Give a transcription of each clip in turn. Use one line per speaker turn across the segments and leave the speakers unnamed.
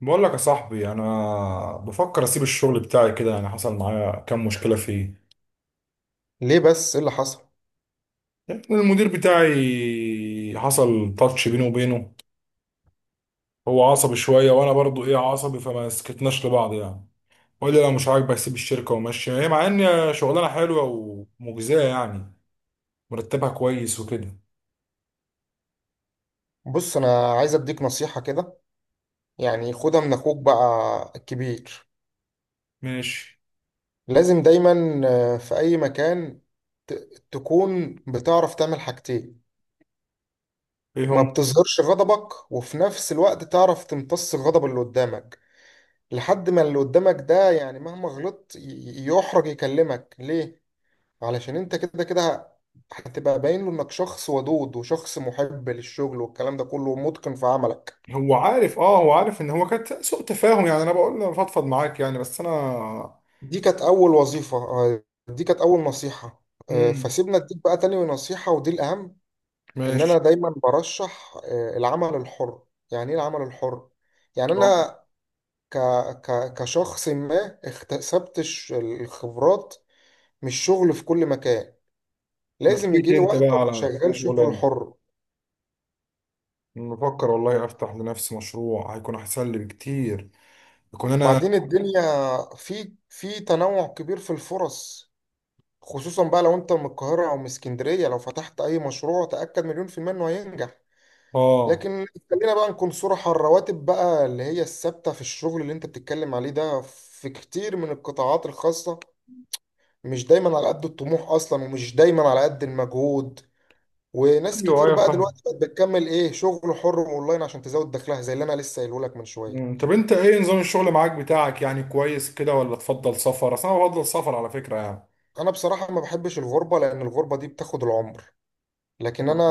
بقول لك يا صاحبي، انا بفكر اسيب الشغل بتاعي كده يعني. حصل معايا كام مشكله فيه.
ليه بس ايه اللي حصل؟
يعني المدير بتاعي حصل تاتش بيني وبينه. هو عصبي شويه، وانا برضو عصبي، فما سكتناش لبعض يعني. وقال لي لو مش عاجبك سيب الشركه ومشي، هي مع ان شغلانه حلوه ومجزيه يعني، مرتبها كويس وكده.
بص، انا عايز اديك نصيحة كده. يعني خدها من اخوك بقى الكبير.
ماشي.
لازم دايما في اي مكان تكون بتعرف تعمل حاجتين.
ايه
ما
هم؟
بتظهرش غضبك، وفي نفس الوقت تعرف تمتص الغضب اللي قدامك، لحد ما اللي قدامك ده يعني مهما غلطت يحرج يكلمك ليه. علشان انت كده كده هتبقى باين له انك شخص ودود وشخص محب للشغل والكلام ده كله، ومتقن في عملك.
هو عارف ان هو كانت سوء تفاهم يعني. انا بقول له فضفض معاك يعني، بس انا.
دي كانت أول وظيفة. دي كانت أول نصيحة.
امم
فسيبنا أديك بقى تاني نصيحة، ودي الأهم. إن أنا
ماشي.
دايما برشح العمل الحر. يعني إيه العمل الحر؟ يعني
آه.
أنا ك... كشخص ما اكتسبت الخبرات من الشغل في كل مكان، لازم
لفيت
يجي لي
انت بقى
وقت أبقى
على كده
شغال شغل
شغلانه.
حر.
بفكر والله افتح لنفسي مشروع هيكون احسن لي بكتير. يكون انا
وبعدين الدنيا في تنوع كبير في الفرص. خصوصا بقى لو أنت من القاهرة أو من اسكندرية، لو فتحت أي مشروع تأكد مليون في المية إنه هينجح.
اه،
لكن خلينا بقى نكون صراحة، الرواتب بقى اللي هي الثابتة في الشغل اللي انت بتتكلم عليه ده، في كتير من القطاعات الخاصة مش دايما على قد الطموح اصلا، ومش دايما على قد المجهود. وناس
ايوه
كتير
ايوه
بقى
فاهم.
دلوقتي بقت بتكمل ايه شغل حر اونلاين عشان تزود دخلها، زي اللي انا لسه قايله لك من شوية.
طب انت ايه نظام الشغل معاك بتاعك، يعني كويس كده ولا تفضل سفر؟ اصل انا بفضل سفر على فكره يعني.
انا بصراحة ما بحبش الغربة لان الغربة دي بتاخد العمر. لكن انا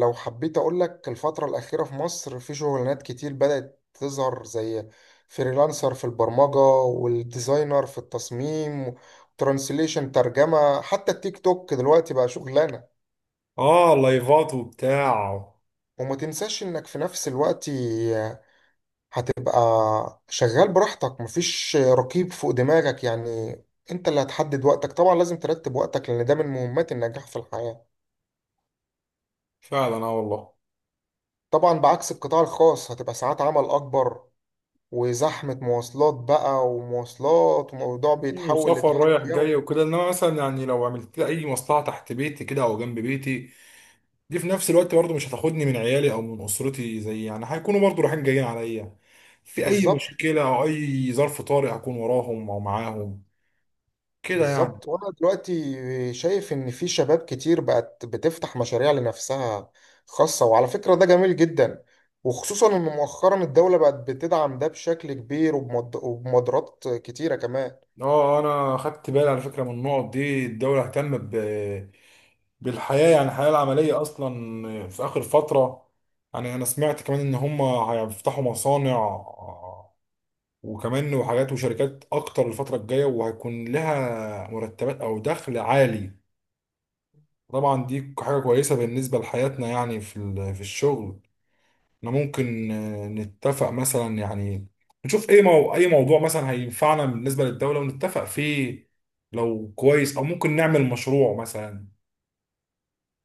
لو حبيت اقول لك، الفترة الأخيرة في مصر في شغلانات كتير بدأت تظهر، زي فريلانسر في البرمجة، والديزاينر في التصميم، ترانسليشن ترجمة، حتى التيك توك دلوقتي بقى شغلانة.
اه، لايفات وبتاع.
وما تنساش انك في نفس الوقت هتبقى شغال براحتك، مفيش رقيب فوق دماغك يعني. انت اللي هتحدد وقتك، طبعا لازم ترتب وقتك لان ده من مهمات النجاح في الحياة.
فعلا، اه والله.
طبعا بعكس القطاع الخاص، هتبقى ساعات عمل اكبر، وزحمة مواصلات بقى ومواصلات، وموضوع بيتحول
وسفر
لتحدي
رايح
يومي.
جاي وكده، انما مثلا يعني لو عملت لي اي مصلحه تحت بيتي كده او جنب بيتي، دي في نفس الوقت برضه مش هتاخدني من عيالي او من اسرتي. زي يعني هيكونوا برضه رايحين جايين عليا في اي
بالظبط.
مشكله او اي ظرف طارئ، اكون وراهم او معاهم كده يعني.
بالظبط. وانا دلوقتي شايف ان في شباب كتير بقت بتفتح مشاريع لنفسها، خاصة، وعلى فكرة ده جميل جدا. وخصوصا ان مؤخرا الدولة بقت بتدعم ده بشكل كبير، وبمبادرات كتيرة كمان.
اه، انا خدت بالي على فكره من النقط دي. الدوله اهتم بالحياه، يعني الحياه العمليه اصلا في اخر فتره. يعني انا سمعت كمان ان هم هيفتحوا مصانع وكمان وحاجات وشركات اكتر الفتره الجايه، وهيكون لها مرتبات او دخل عالي. طبعا دي حاجة كويسة بالنسبة لحياتنا يعني في في الشغل. احنا ممكن آه، نتفق مثلا يعني، نشوف ايه اي موضوع مثلا هينفعنا بالنسبة للدولة ونتفق فيه لو كويس، او ممكن نعمل مشروع مثلا.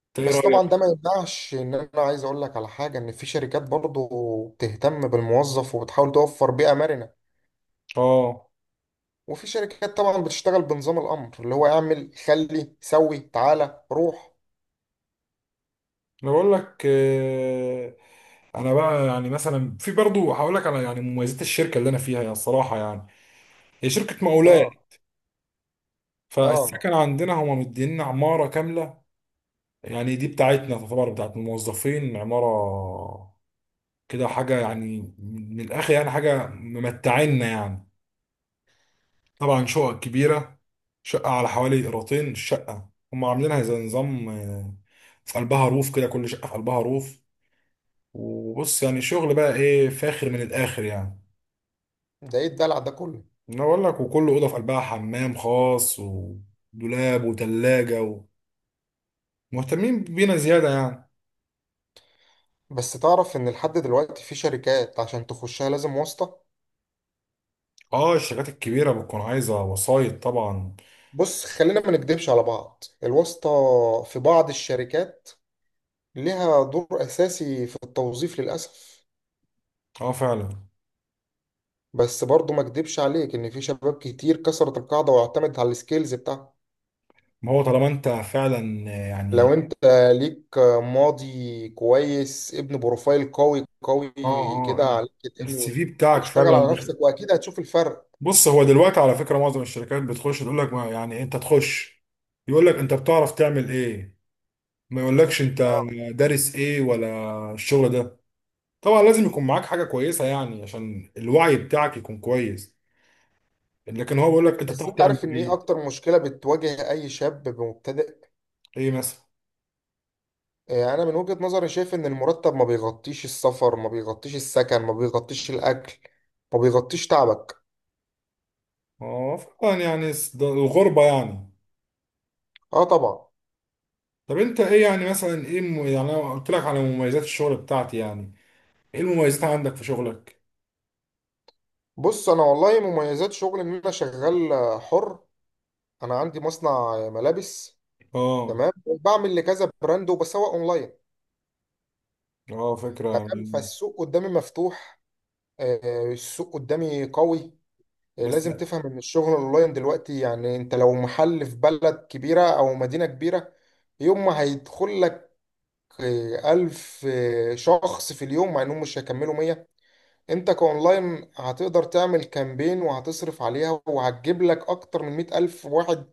انت ايه
بس طبعا
رأيك؟
ده ما يمنعش ان انا عايز اقول لك على حاجة، ان في شركات برضو بتهتم بالموظف وبتحاول توفر بيئة مرنة.
اه،
وفي شركات طبعا بتشتغل بنظام الامر، اللي هو اعمل، خلي، سوي، تعالى، روح.
انا بقول لك آه، انا بقى يعني مثلا في برضو هقول لك على يعني مميزات الشركة اللي انا فيها، يعني الصراحة يعني هي شركة مقاولات.
اه. اه.
فالسكن عندنا هما مدينا عمارة كاملة. يعني دي بتاعتنا تعتبر بتاعت الموظفين عمارة كده، حاجة يعني من الآخر يعني، حاجة ممتعنا يعني. طبعا شقق كبيرة، شقة على حوالي قيراطين الشقة. هم عاملينها زي نظام آه، في قلبها روف كده، كل شقة في قلبها روف. وبص يعني شغل بقى إيه فاخر من الآخر يعني.
ده ايه الدلع ده كله؟
أنا بقول لك، وكل أوضة في قلبها حمام خاص ودولاب وتلاجة، ومهتمين بينا زيادة يعني.
بس تعرف ان لحد دلوقتي في شركات عشان تخشها لازم واسطة.
اه، الشركات الكبيرة بتكون عايزة وسايط طبعا.
بص، خلينا ما نكدبش على بعض، الواسطة في بعض الشركات ليها دور اساسي في التوظيف للاسف.
اه فعلا.
بس برضو ما اكدبش عليك ان في شباب كتير كسرت القاعدة واعتمدت على السكيلز بتاعها.
ما هو طالما انت فعلا
لو
يعني.
انت ليك ماضي كويس، ابن بروفايل قوي قوي
اه
كده
اه.
على لينكد
السي
ان،
في بتاعك
واشتغل
فعلا.
على نفسك، واكيد هتشوف الفرق.
بص هو دلوقتي على فكره معظم الشركات بتخش تقول لك، ما يعني انت تخش، يقول لك انت بتعرف تعمل ايه. ما يقولكش انت
اه.
دارس ايه ولا الشغل ده. طبعا لازم يكون معاك حاجه كويسه يعني عشان الوعي بتاعك يكون كويس، لكن هو بيقول لك انت
بس
بتعرف
انت
تعمل
عارف ان ايه
ايه.
اكتر مشكلة بتواجه اي شاب مبتدئ؟
ايه مثلا؟
اه، انا من وجهة نظري شايف ان المرتب ما بيغطيش السفر، ما بيغطيش السكن، ما بيغطيش الاكل، ما بيغطيش تعبك.
اه فعلا يعني ده الغربه يعني.
اه طبعا.
طب انت ايه يعني مثلا، ايه يعني انا قلت لك على مميزات الشغل بتاعتي يعني، ايه المميزات عندك في شغلك؟
بص، انا والله مميزات شغل ان انا شغال حر. انا عندي مصنع ملابس.
اه
تمام، بعمل لكذا براند وبسوق اونلاين.
اه فكرة
تمام،
يعني.
فالسوق قدامي مفتوح. السوق قدامي قوي.
بس.
لازم تفهم ان الشغل اونلاين دلوقتي، يعني انت لو محل في بلد كبيرة او مدينة كبيرة يوم ما هيدخل لك 1000 شخص في اليوم، مع انهم مش هيكملوا 100. انت كاونلاين هتقدر تعمل كامبين وهتصرف عليها وهتجيب لك اكتر من 100 ألف واحد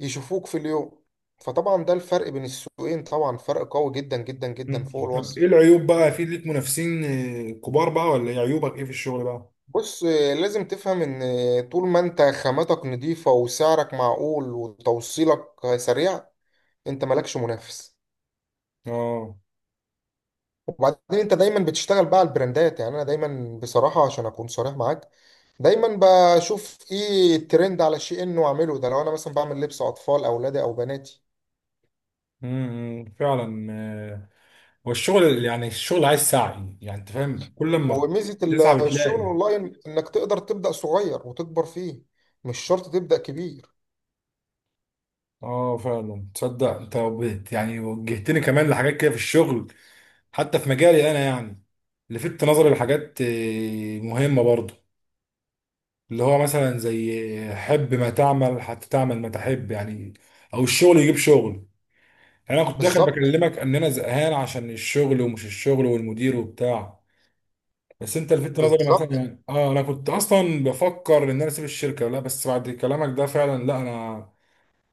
يشوفوك في اليوم. فطبعا ده الفرق بين السوقين، طبعا فرق قوي جدا جدا جدا فوق
مم. طب ايه
الوصف.
العيوب بقى، في ليك منافسين آه، كبار بقى، ولا ايه عيوبك ايه في الشغل بقى؟
بص، لازم تفهم ان طول ما انت خاماتك نظيفة وسعرك معقول وتوصيلك سريع، انت مالكش منافس.
اه.
وبعدين انت دايما بتشتغل بقى على البراندات. يعني انا دايما بصراحة عشان اكون صريح معاك، دايما بشوف ايه الترند على شيء انه اعمله ده. لو انا مثلا بعمل لبس اطفال اولادي او بناتي.
فعلا آه، هو الشغل يعني الشغل عايز سعي يعني، انت فاهم كل ما
وميزة
تسعى
الشغل
بتلاقي.
اونلاين انك تقدر تبدأ صغير وتكبر فيه. مش شرط تبدأ كبير.
اه فعلا، تصدق انت يعني وجهتني كمان لحاجات كده في الشغل، حتى في مجالي انا يعني. لفت نظري لحاجات آه، مهمة برضه، اللي هو مثلا زي حب ما تعمل حتى تعمل ما تحب يعني، او الشغل يجيب شغل. يعني انا كنت داخل
بالظبط.
بكلمك ان انا زهقان عشان الشغل ومش الشغل والمدير وبتاع. بس انت لفت نظري مثلا
بالظبط.
يعني، اه انا كنت اصلا بفكر ان انا اسيب الشركه. لا بس بعد كلامك ده فعلا لا، انا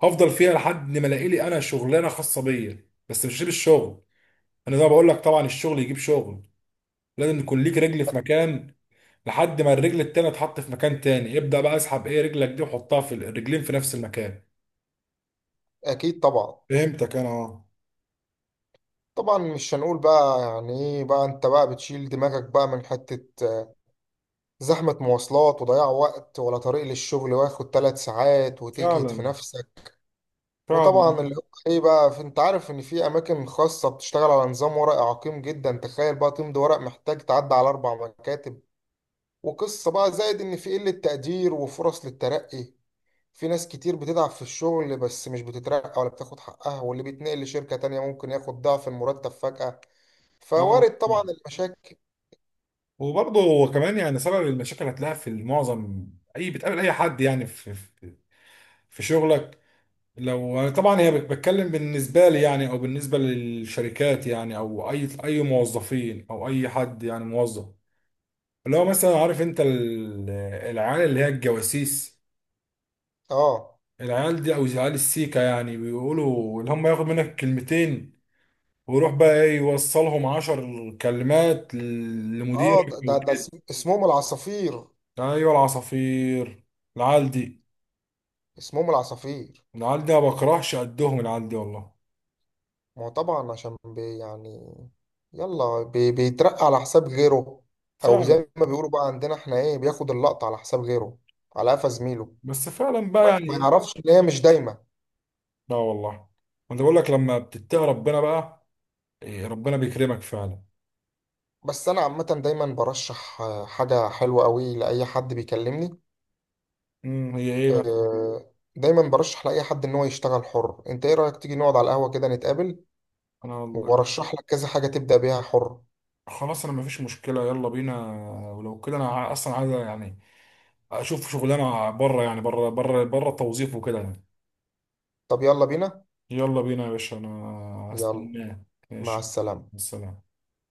هفضل فيها لحد ما الاقي لي انا شغلانه خاصه بيا، بس مش هسيب الشغل. انا زي ما بقول لك طبعا الشغل يجيب شغل. لازم يكون ليك رجل في مكان، لحد ما الرجل التانية تحط في مكان تاني، ابدأ بقى اسحب ايه رجلك دي وحطها في الرجلين في نفس المكان.
اكيد طبعا.
فهمتك انا. اه
طبعا مش هنقول بقى يعني ايه بقى انت بقى بتشيل دماغك بقى من حتة زحمة مواصلات وضياع وقت، ولا طريق للشغل واخد 3 ساعات وتجهد في
فعلا.
نفسك.
فعلا.
وطبعا اللي هو ايه بقى انت عارف ان في اماكن خاصة بتشتغل على نظام ورقي عقيم جدا، تخيل بقى تمضي ورق محتاج تعدي على 4 مكاتب. وقصة بقى، زائد ان في قلة تقدير وفرص للترقي، في ناس كتير بتتعب في الشغل بس مش بتترقى ولا بتاخد حقها. واللي بيتنقل لشركة تانية ممكن ياخد ضعف المرتب فجأة.
اه،
فوارد طبعا المشاكل.
وبرضه هو كمان يعني سبب المشاكل هتلاقيها في معظم اي بتقابل اي حد يعني، في في شغلك. لو طبعا هي بتكلم بالنسبه لي يعني، او بالنسبه للشركات يعني، او اي موظفين او اي حد يعني موظف، اللي هو مثلا عارف انت العيال اللي هي الجواسيس.
اه.
العيال دي او عيال السيكا يعني بيقولوا، اللي هم ياخد منك كلمتين ويروح بقى ايه يوصلهم عشر كلمات
اه، ده
لمديرك
ده
او
ده
كده.
اسمهم العصافير.
ايوه العصافير. العيال دي.
اسمهم العصافير.
العيال دي ما بكرهش قدهم العيال دي والله.
ما هو طبعا عشان بي يعني يلا بي بيترقى على حساب غيره. او
فعلا.
زي ما بيقولوا بقى عندنا احنا ايه، بياخد اللقطة على حساب غيره، على قفا زميله.
بس فعلا بقى
ما
يعني.
يعرفش ان هي مش دايما.
لا والله، انا بقول لك لما بتتقي ربنا بقى، إيه ربنا بيكرمك فعلا.
بس انا عامة دايما برشح حاجة حلوة قوي لأي حد بيكلمني.
هي ايه بقى؟
دايما برشح لأي حد ان هو يشتغل حر. انت ايه رأيك تيجي نقعد على القهوة كده نتقابل،
انا والله-
وارشح لك كذا حاجة تبدأ بيها حر؟
خلاص انا مفيش مشكله، يلا بينا. ولو كده انا اصلا عايز يعني اشوف شغلانه بره، يعني بره بره بره التوظيف وكده يعني.
طب يلا بينا.
يلا بينا يا باشا، انا
يلا.
هستناك.
مع
ماشي.
السلامة.
السلام.